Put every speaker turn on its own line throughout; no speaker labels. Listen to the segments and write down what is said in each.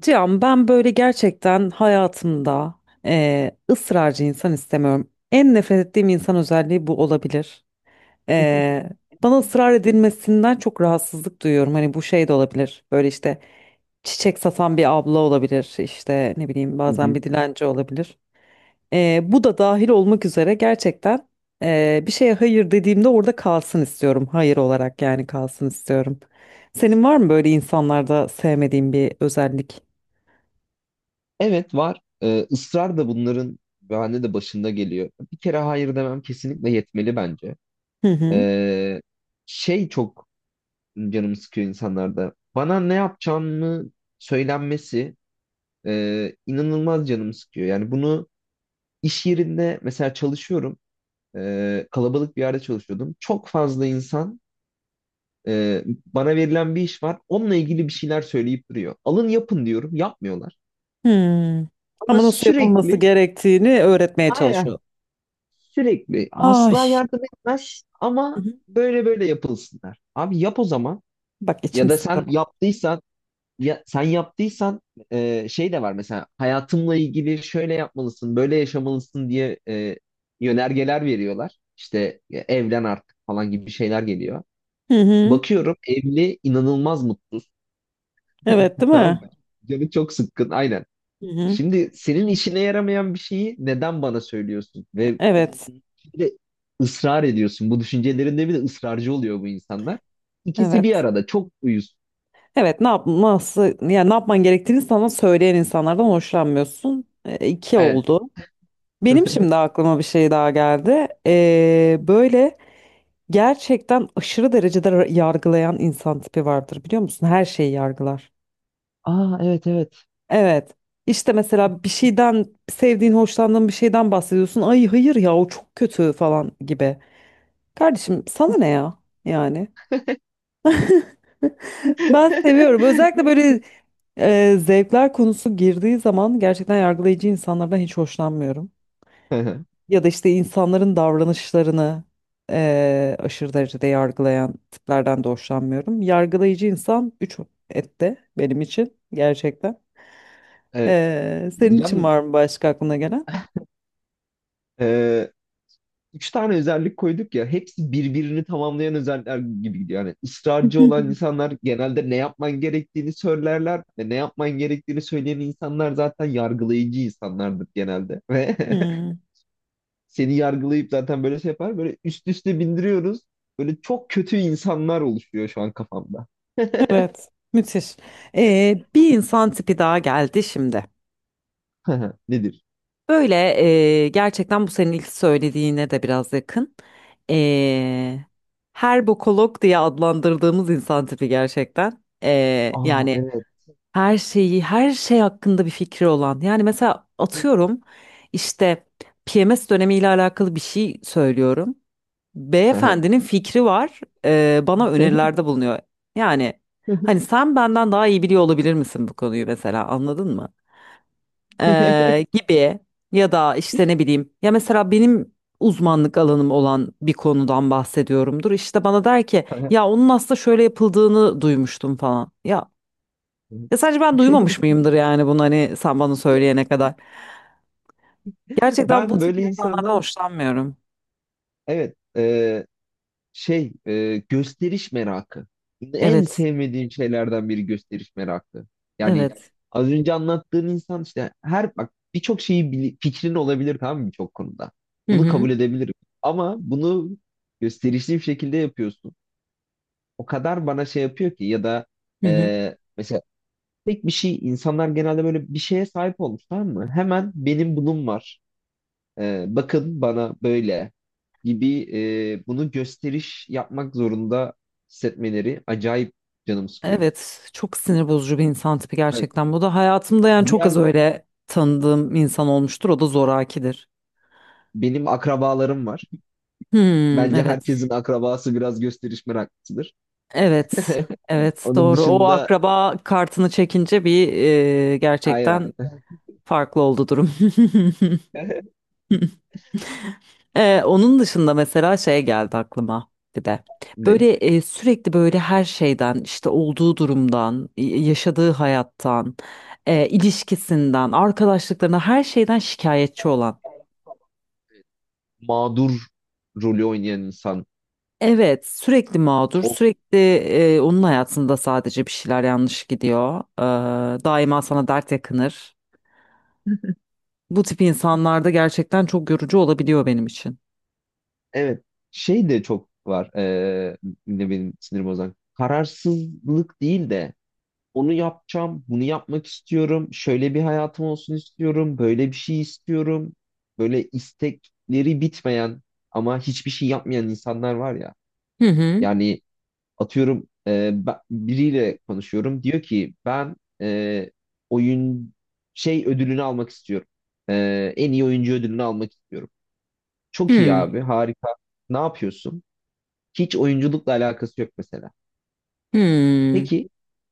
Cihan ben böyle gerçekten hayatımda ısrarcı insan istemiyorum. En nefret ettiğim insan özelliği bu olabilir. Eee, bana ısrar edilmesinden çok rahatsızlık duyuyorum. Hani bu şey de olabilir. Böyle işte çiçek satan bir abla olabilir. İşte ne bileyim
Hı
bazen
hı.
bir dilenci olabilir. Bu da dahil olmak üzere gerçekten bir şeye hayır dediğimde orada kalsın istiyorum. Hayır olarak yani kalsın istiyorum. Senin var mı böyle insanlarda sevmediğin bir özellik?
Evet var. Israr da bunların bahane de başında geliyor. Bir kere hayır demem kesinlikle yetmeli bence.
Hı hı.
Ee, şey çok canımı sıkıyor insanlarda. Bana ne yapacağımı söylenmesi inanılmaz canımı sıkıyor. Yani bunu iş yerinde mesela çalışıyorum. Kalabalık bir yerde çalışıyordum. Çok fazla insan bana verilen bir iş var. Onunla ilgili bir şeyler söyleyip duruyor. Alın yapın diyorum. Yapmıyorlar.
Hmm.
Ama
Ama nasıl yapılması
sürekli,
gerektiğini öğretmeye çalışıyor.
aynen, sürekli
Ay.
asla yardım etmez
Hı
ama
hı.
böyle böyle yapılsınlar. Abi yap o zaman,
Bak
ya
içim
da sen
sıkıldı.
yaptıysan, ya sen yaptıysan, şey de var mesela hayatımla ilgili şöyle yapmalısın, böyle yaşamalısın diye yönergeler veriyorlar. İşte evlen artık falan gibi şeyler geliyor.
Hı hı.
Bakıyorum, evli inanılmaz mutsuz.
Evet, değil
Tamam
mi?
mı? Canı çok sıkkın. Aynen.
Hı hı.
Şimdi senin işine yaramayan bir şeyi neden bana söylüyorsun? Ve bunun
Evet,
bir de ısrar ediyorsun. Bu düşüncelerinde bir de ısrarcı oluyor bu insanlar. İkisi bir
evet.
arada çok uyuz.
Evet, ne yapması, yani ne yapman gerektiğini sana söyleyen insanlardan hoşlanmıyorsun. E, iki
Evet.
oldu. Benim şimdi aklıma bir şey daha geldi. E, böyle gerçekten aşırı derecede yargılayan insan tipi vardır biliyor musun? Her şeyi yargılar.
Aa, evet evet.
Evet. İşte mesela bir şeyden sevdiğin, hoşlandığın bir şeyden bahsediyorsun. Ay hayır ya o çok kötü falan gibi. Kardeşim sana ne ya? Yani ben seviyorum. Özellikle böyle zevkler konusu girdiği zaman gerçekten yargılayıcı insanlardan hiç hoşlanmıyorum. Ya da işte insanların davranışlarını aşırı derecede yargılayan tiplerden de hoşlanmıyorum. Yargılayıcı insan üç ette benim için gerçekten.
Evet.
E, senin için
Yalnız
var mı başka aklına gelen?
e, üç tane özellik koyduk ya, hepsi birbirini tamamlayan özellikler gibi gidiyor. Yani ısrarcı olan insanlar genelde ne yapman gerektiğini söylerler ve ne yapman gerektiğini söyleyen insanlar zaten yargılayıcı insanlardır genelde. Ve
Hmm,
seni yargılayıp zaten böyle şey yapar. Böyle üst üste bindiriyoruz. Böyle çok kötü insanlar oluşuyor şu an kafamda.
evet, müthiş. Bir insan tipi daha geldi şimdi.
Nedir?
Böyle gerçekten bu senin ilk söylediğine de biraz yakın. Ee, her bokolog diye adlandırdığımız insan tipi gerçekten.
Aa,
Yani
evet.
her şeyi, her şey hakkında bir fikri olan. Yani mesela atıyorum işte PMS dönemiyle alakalı bir şey söylüyorum. Beyefendinin fikri var, e, bana önerilerde bulunuyor. Yani hani sen benden daha iyi biliyor olabilir misin bu konuyu mesela anladın mı? E, gibi ya da işte ne bileyim ya mesela benim uzmanlık alanım olan bir konudan bahsediyorumdur. İşte bana der ki ya onun aslında şöyle yapıldığını duymuştum falan. Ya ya sadece ben duymamış mıyımdır yani bunu hani sen bana söyleyene kadar. Gerçekten bu
Ben
tip
böyle
insanlardan
insanlar,
hoşlanmıyorum.
evet, şey, gösteriş merakı. En
Evet,
sevmediğim şeylerden biri gösteriş merakı. Yani
evet.
az önce anlattığın insan işte, her bak, birçok şeyi fikrin olabilir tamam mı, birçok konuda.
Hı
Bunu kabul
hı,
edebilirim. Ama bunu gösterişli bir şekilde yapıyorsun. O kadar bana şey yapıyor ki, ya da
hı hı.
mesela tek bir şey, insanlar genelde böyle bir şeye sahip olmuş tamam mı? Hemen benim bunun var. Bakın bana böyle gibi, bunu gösteriş yapmak zorunda hissetmeleri acayip canım sıkıyor.
Evet, çok sinir bozucu bir insan tipi
Hani
gerçekten. Bu da hayatımda yani çok az
diğer
öyle tanıdığım insan olmuştur. O da zorakidir.
benim akrabalarım var.
Hmm,
Bence
evet.
herkesin akrabası biraz gösteriş meraklısıdır.
Evet. Evet,
Onun
doğru. O
dışında,
akraba kartını çekince bir
aynen.
gerçekten farklı oldu durum. Onun dışında mesela şey geldi aklıma bir de.
Ne?
Böyle sürekli böyle her şeyden işte olduğu durumdan, yaşadığı hayattan, ilişkisinden, arkadaşlıklarına her şeyden şikayetçi olan.
Mağdur rolü oynayan insan.
Evet, sürekli mağdur,
O,
sürekli onun hayatında sadece bir şeyler yanlış gidiyor. Daima sana dert yakınır. Bu tip insanlarda gerçekten çok yorucu olabiliyor benim için.
evet. Şey de çok var. Yine benim sinir bozan. Kararsızlık değil de, onu yapacağım, bunu yapmak istiyorum, şöyle bir hayatım olsun istiyorum, böyle bir şey istiyorum. Böyle istekleri bitmeyen ama hiçbir şey yapmayan insanlar var ya.
Hı hı.
Yani atıyorum, biriyle konuşuyorum. Diyor ki ben, e, oyun şey ödülünü almak istiyorum. En iyi oyuncu ödülünü almak istiyorum. Çok iyi
Hı.
abi, harika. Ne yapıyorsun? Hiç oyunculukla alakası yok mesela.
Hı.
Peki,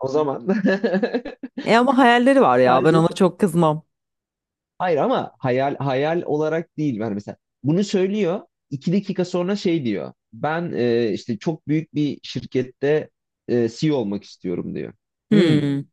o zaman.
E ama hayalleri var ya, ben ona
Sadece.
çok kızmam.
Hayır, ama hayal hayal olarak değil. Yani mesela bunu söylüyor. İki dakika sonra şey diyor. Ben, işte çok büyük bir şirkette CEO olmak istiyorum diyor. Hmm,
Hı.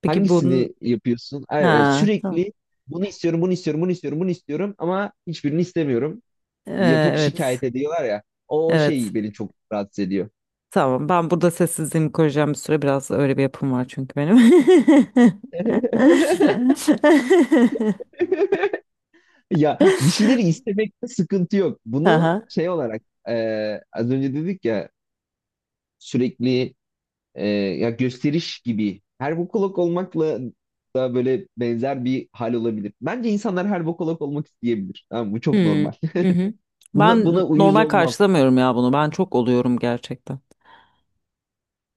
Peki bunun
hangisini yapıyorsun? e, e,
ha tamam.
sürekli bunu istiyorum, bunu istiyorum, bunu istiyorum, bunu istiyorum ama hiçbirini istemiyorum. Yapıp şikayet
Evet.
ediyorlar ya. O
Evet.
şey beni çok rahatsız ediyor.
Tamam. Ben burada sessizliğimi koruyacağım bir süre. Biraz öyle bir yapım var çünkü benim.
Ya bir şeyleri istemekte sıkıntı yok. Bunu
Aha.
şey olarak, e, az önce dedik ya, sürekli, ya gösteriş gibi, her bokolog olmakla da böyle benzer bir hal olabilir. Bence insanlar her bokolog olmak isteyebilir. Tamam, bu çok
Hmm.
normal.
Hı hı.
Buna
Ben
buna uyuz
normal
olmam.
karşılamıyorum ya bunu. Ben çok oluyorum gerçekten.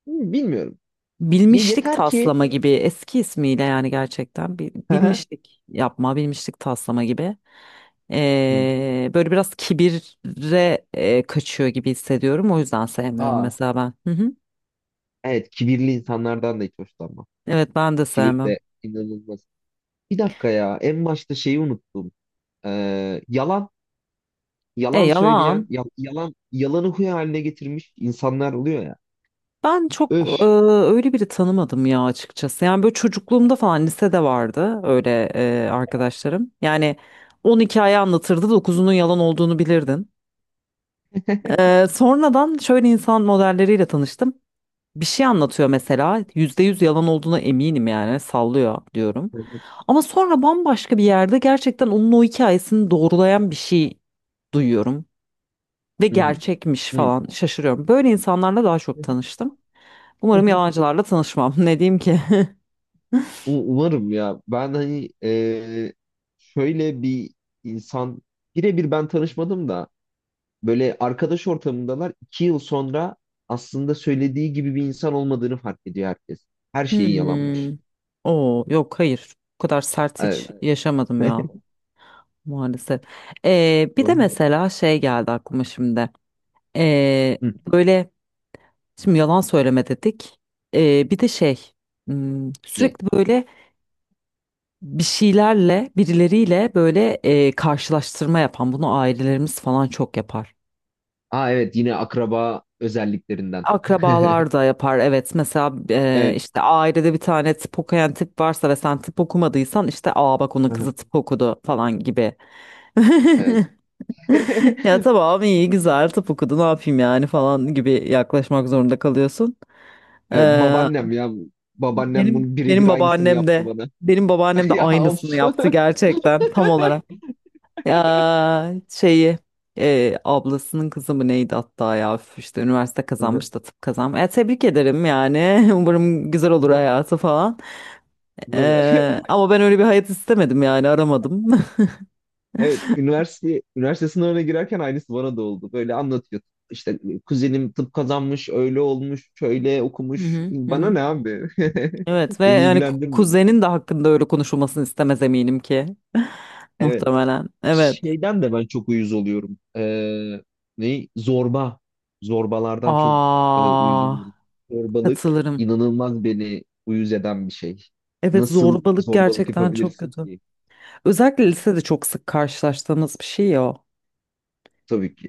Hmm. Bilmiyorum.
Bilmişlik
Yeter ki.
taslama gibi eski ismiyle yani gerçekten
Hı hı.
bilmişlik yapma, bilmişlik taslama gibi.
Hmm.
Böyle biraz kibire kaçıyor gibi hissediyorum. O yüzden sevmiyorum
Aa,
mesela ben. Hı hı.
evet, kibirli insanlardan da hiç hoşlanmam.
Evet ben de
Kibir
sevmem.
de inanılmaz. Bir dakika ya, en başta şeyi unuttum. Ee, yalan
E
yalan söyleyen
yalan.
yalan yalanı huy haline getirmiş insanlar oluyor ya.
Ben çok
Öf.
öyle biri tanımadım ya açıkçası. Yani böyle çocukluğumda falan lisede vardı öyle arkadaşlarım. Yani 10 hikaye anlatırdı dokuzunun yalan olduğunu bilirdin. E, sonradan şöyle insan modelleriyle tanıştım. Bir şey anlatıyor mesela %100 yalan olduğuna eminim yani sallıyor diyorum.
Hı
Ama sonra bambaşka bir yerde gerçekten onun o hikayesini doğrulayan bir şey duyuyorum ve
hı.
gerçekmiş falan şaşırıyorum. Böyle insanlarla daha çok
Hı.
tanıştım. Umarım yalancılarla tanışmam. Ne diyeyim ki?
Umarım ya. Ben hani, şöyle bir insan birebir ben tanışmadım da böyle arkadaş ortamındalar, iki yıl sonra aslında söylediği gibi bir insan olmadığını fark ediyor herkes. Her şeyi yalanmış.
Hmm. Oo, yok hayır. Bu kadar sert
Evet.
hiç yaşamadım ya maalesef. Bir
O
de
yüzden-
mesela şey geldi aklıma şimdi. Ee,
Hı,
böyle şimdi yalan söyleme dedik. Bir de şey hmm,
ne?
sürekli böyle bir şeylerle birileriyle böyle karşılaştırma yapan bunu ailelerimiz falan çok yapar.
Aa, evet, yine akraba özelliklerinden.
Akrabalar da yapar evet mesela
Evet.
işte ailede bir tane tıp okuyan tip varsa ve sen tıp okumadıysan işte aa bak onun
Aha.
kızı tıp okudu falan gibi.
Evet.
Ya tamam iyi güzel tıp okudu ne yapayım yani falan gibi yaklaşmak zorunda kalıyorsun.
Evet,
Ee,
babaannem ya. Babaannem
Benim
bunun
benim
birebir aynısını
babaannem
yaptı
de
bana. Ya of.
aynısını yaptı gerçekten tam olarak. Ya şeyi ablasının kızı mı neydi hatta ya üf, işte üniversite
Hı hı.
kazanmış da tıp kazanmış. E, tebrik ederim yani umarım güzel olur
Ben-
hayatı falan.
ben-
E, ama ben öyle bir hayat istemedim yani aramadım.
Evet, üniversite sınavına girerken aynısı bana da oldu. Böyle anlatıyor. İşte kuzenim tıp kazanmış, öyle olmuş, şöyle
Hı
okumuş.
hı, hı
Bana
hı.
ne abi?
Evet ve
Beni
yani
ilgilendirmiyor.
kuzenin de hakkında öyle konuşulmasını istemez eminim ki.
Evet.
Muhtemelen. Evet.
Şeyden de ben çok uyuz oluyorum. Ne? Zorba. Zorbalardan çok uyuz
Aa,
oluyorum. Zorbalık
katılırım.
inanılmaz beni uyuz eden bir şey.
Evet
Nasıl
zorbalık
zorbalık
gerçekten çok
yapabilirsin
kötü.
ki?
Özellikle lisede çok sık karşılaştığımız bir şey ya o.
Tabii ki.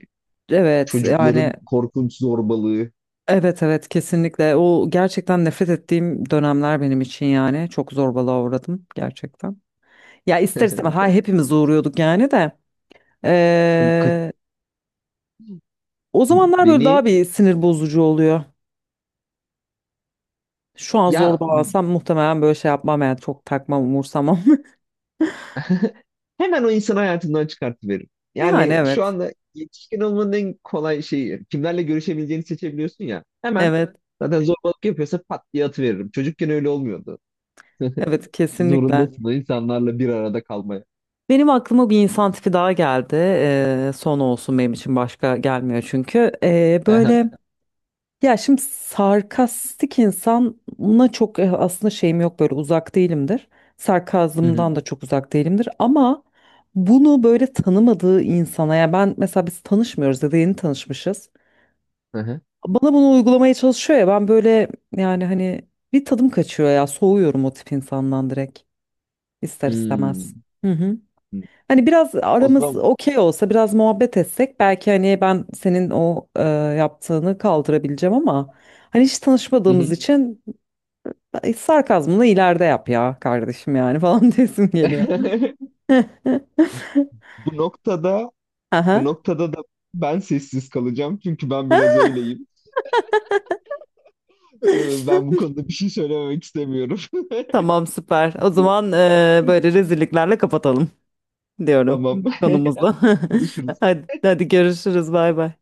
Evet yani
Çocukların korkunç zorbalığı.
evet evet kesinlikle o gerçekten nefret ettiğim dönemler benim için yani çok zorbalığa uğradım gerçekten. Ya ister istemez ha hepimiz uğruyorduk yani de
Ka-
Ee, o zamanlar böyle
Beni
daha bir sinir bozucu oluyor. Şu an
ya.
zorbalansam muhtemelen böyle şey yapmam yani çok takmam umursamam.
Hemen o insan hayatından çıkartıverir.
Yani
Yani şu
evet,
anda yetişkin olmanın en kolay şeyi, kimlerle görüşebileceğini seçebiliyorsun ya. Hemen,
evet,
zaten zorbalık yapıyorsa pat diye atıveririm. Çocukken öyle olmuyordu.
evet, kesinlikle.
Zorundasın o insanlarla bir arada kalmaya.
Benim aklıma bir insan tipi daha geldi. Son olsun benim için başka gelmiyor çünkü.
Hı
Böyle ya şimdi sarkastik insana çok aslında şeyim yok böyle uzak değilimdir.
hı,
Sarkazmdan da çok uzak değilimdir ama bunu böyle tanımadığı insana ya ben mesela biz tanışmıyoruz ya da yeni tanışmışız.
hı hı.
Bana bunu uygulamaya çalışıyor ya ben böyle yani hani bir tadım kaçıyor ya soğuyorum o tip insandan direkt ister istemez.
Hmm.
Hani biraz
O
aramız
zaman.
okey olsa biraz muhabbet etsek belki hani ben senin o yaptığını kaldırabileceğim ama hani hiç
Hı hı.
tanışmadığımız için sarkazmını ileride yap ya kardeşim yani falan desim geliyor.
bu noktada bu
Aha.
noktada da ben sessiz kalacağım çünkü ben biraz öyleyim. Ben bu konuda bir şey söylememek istemiyorum.
Tamam süper. O zaman böyle rezilliklerle kapatalım diyorum
Tamam.
konumuzu.
Konuşuruz.
Hadi, hadi görüşürüz bay bay.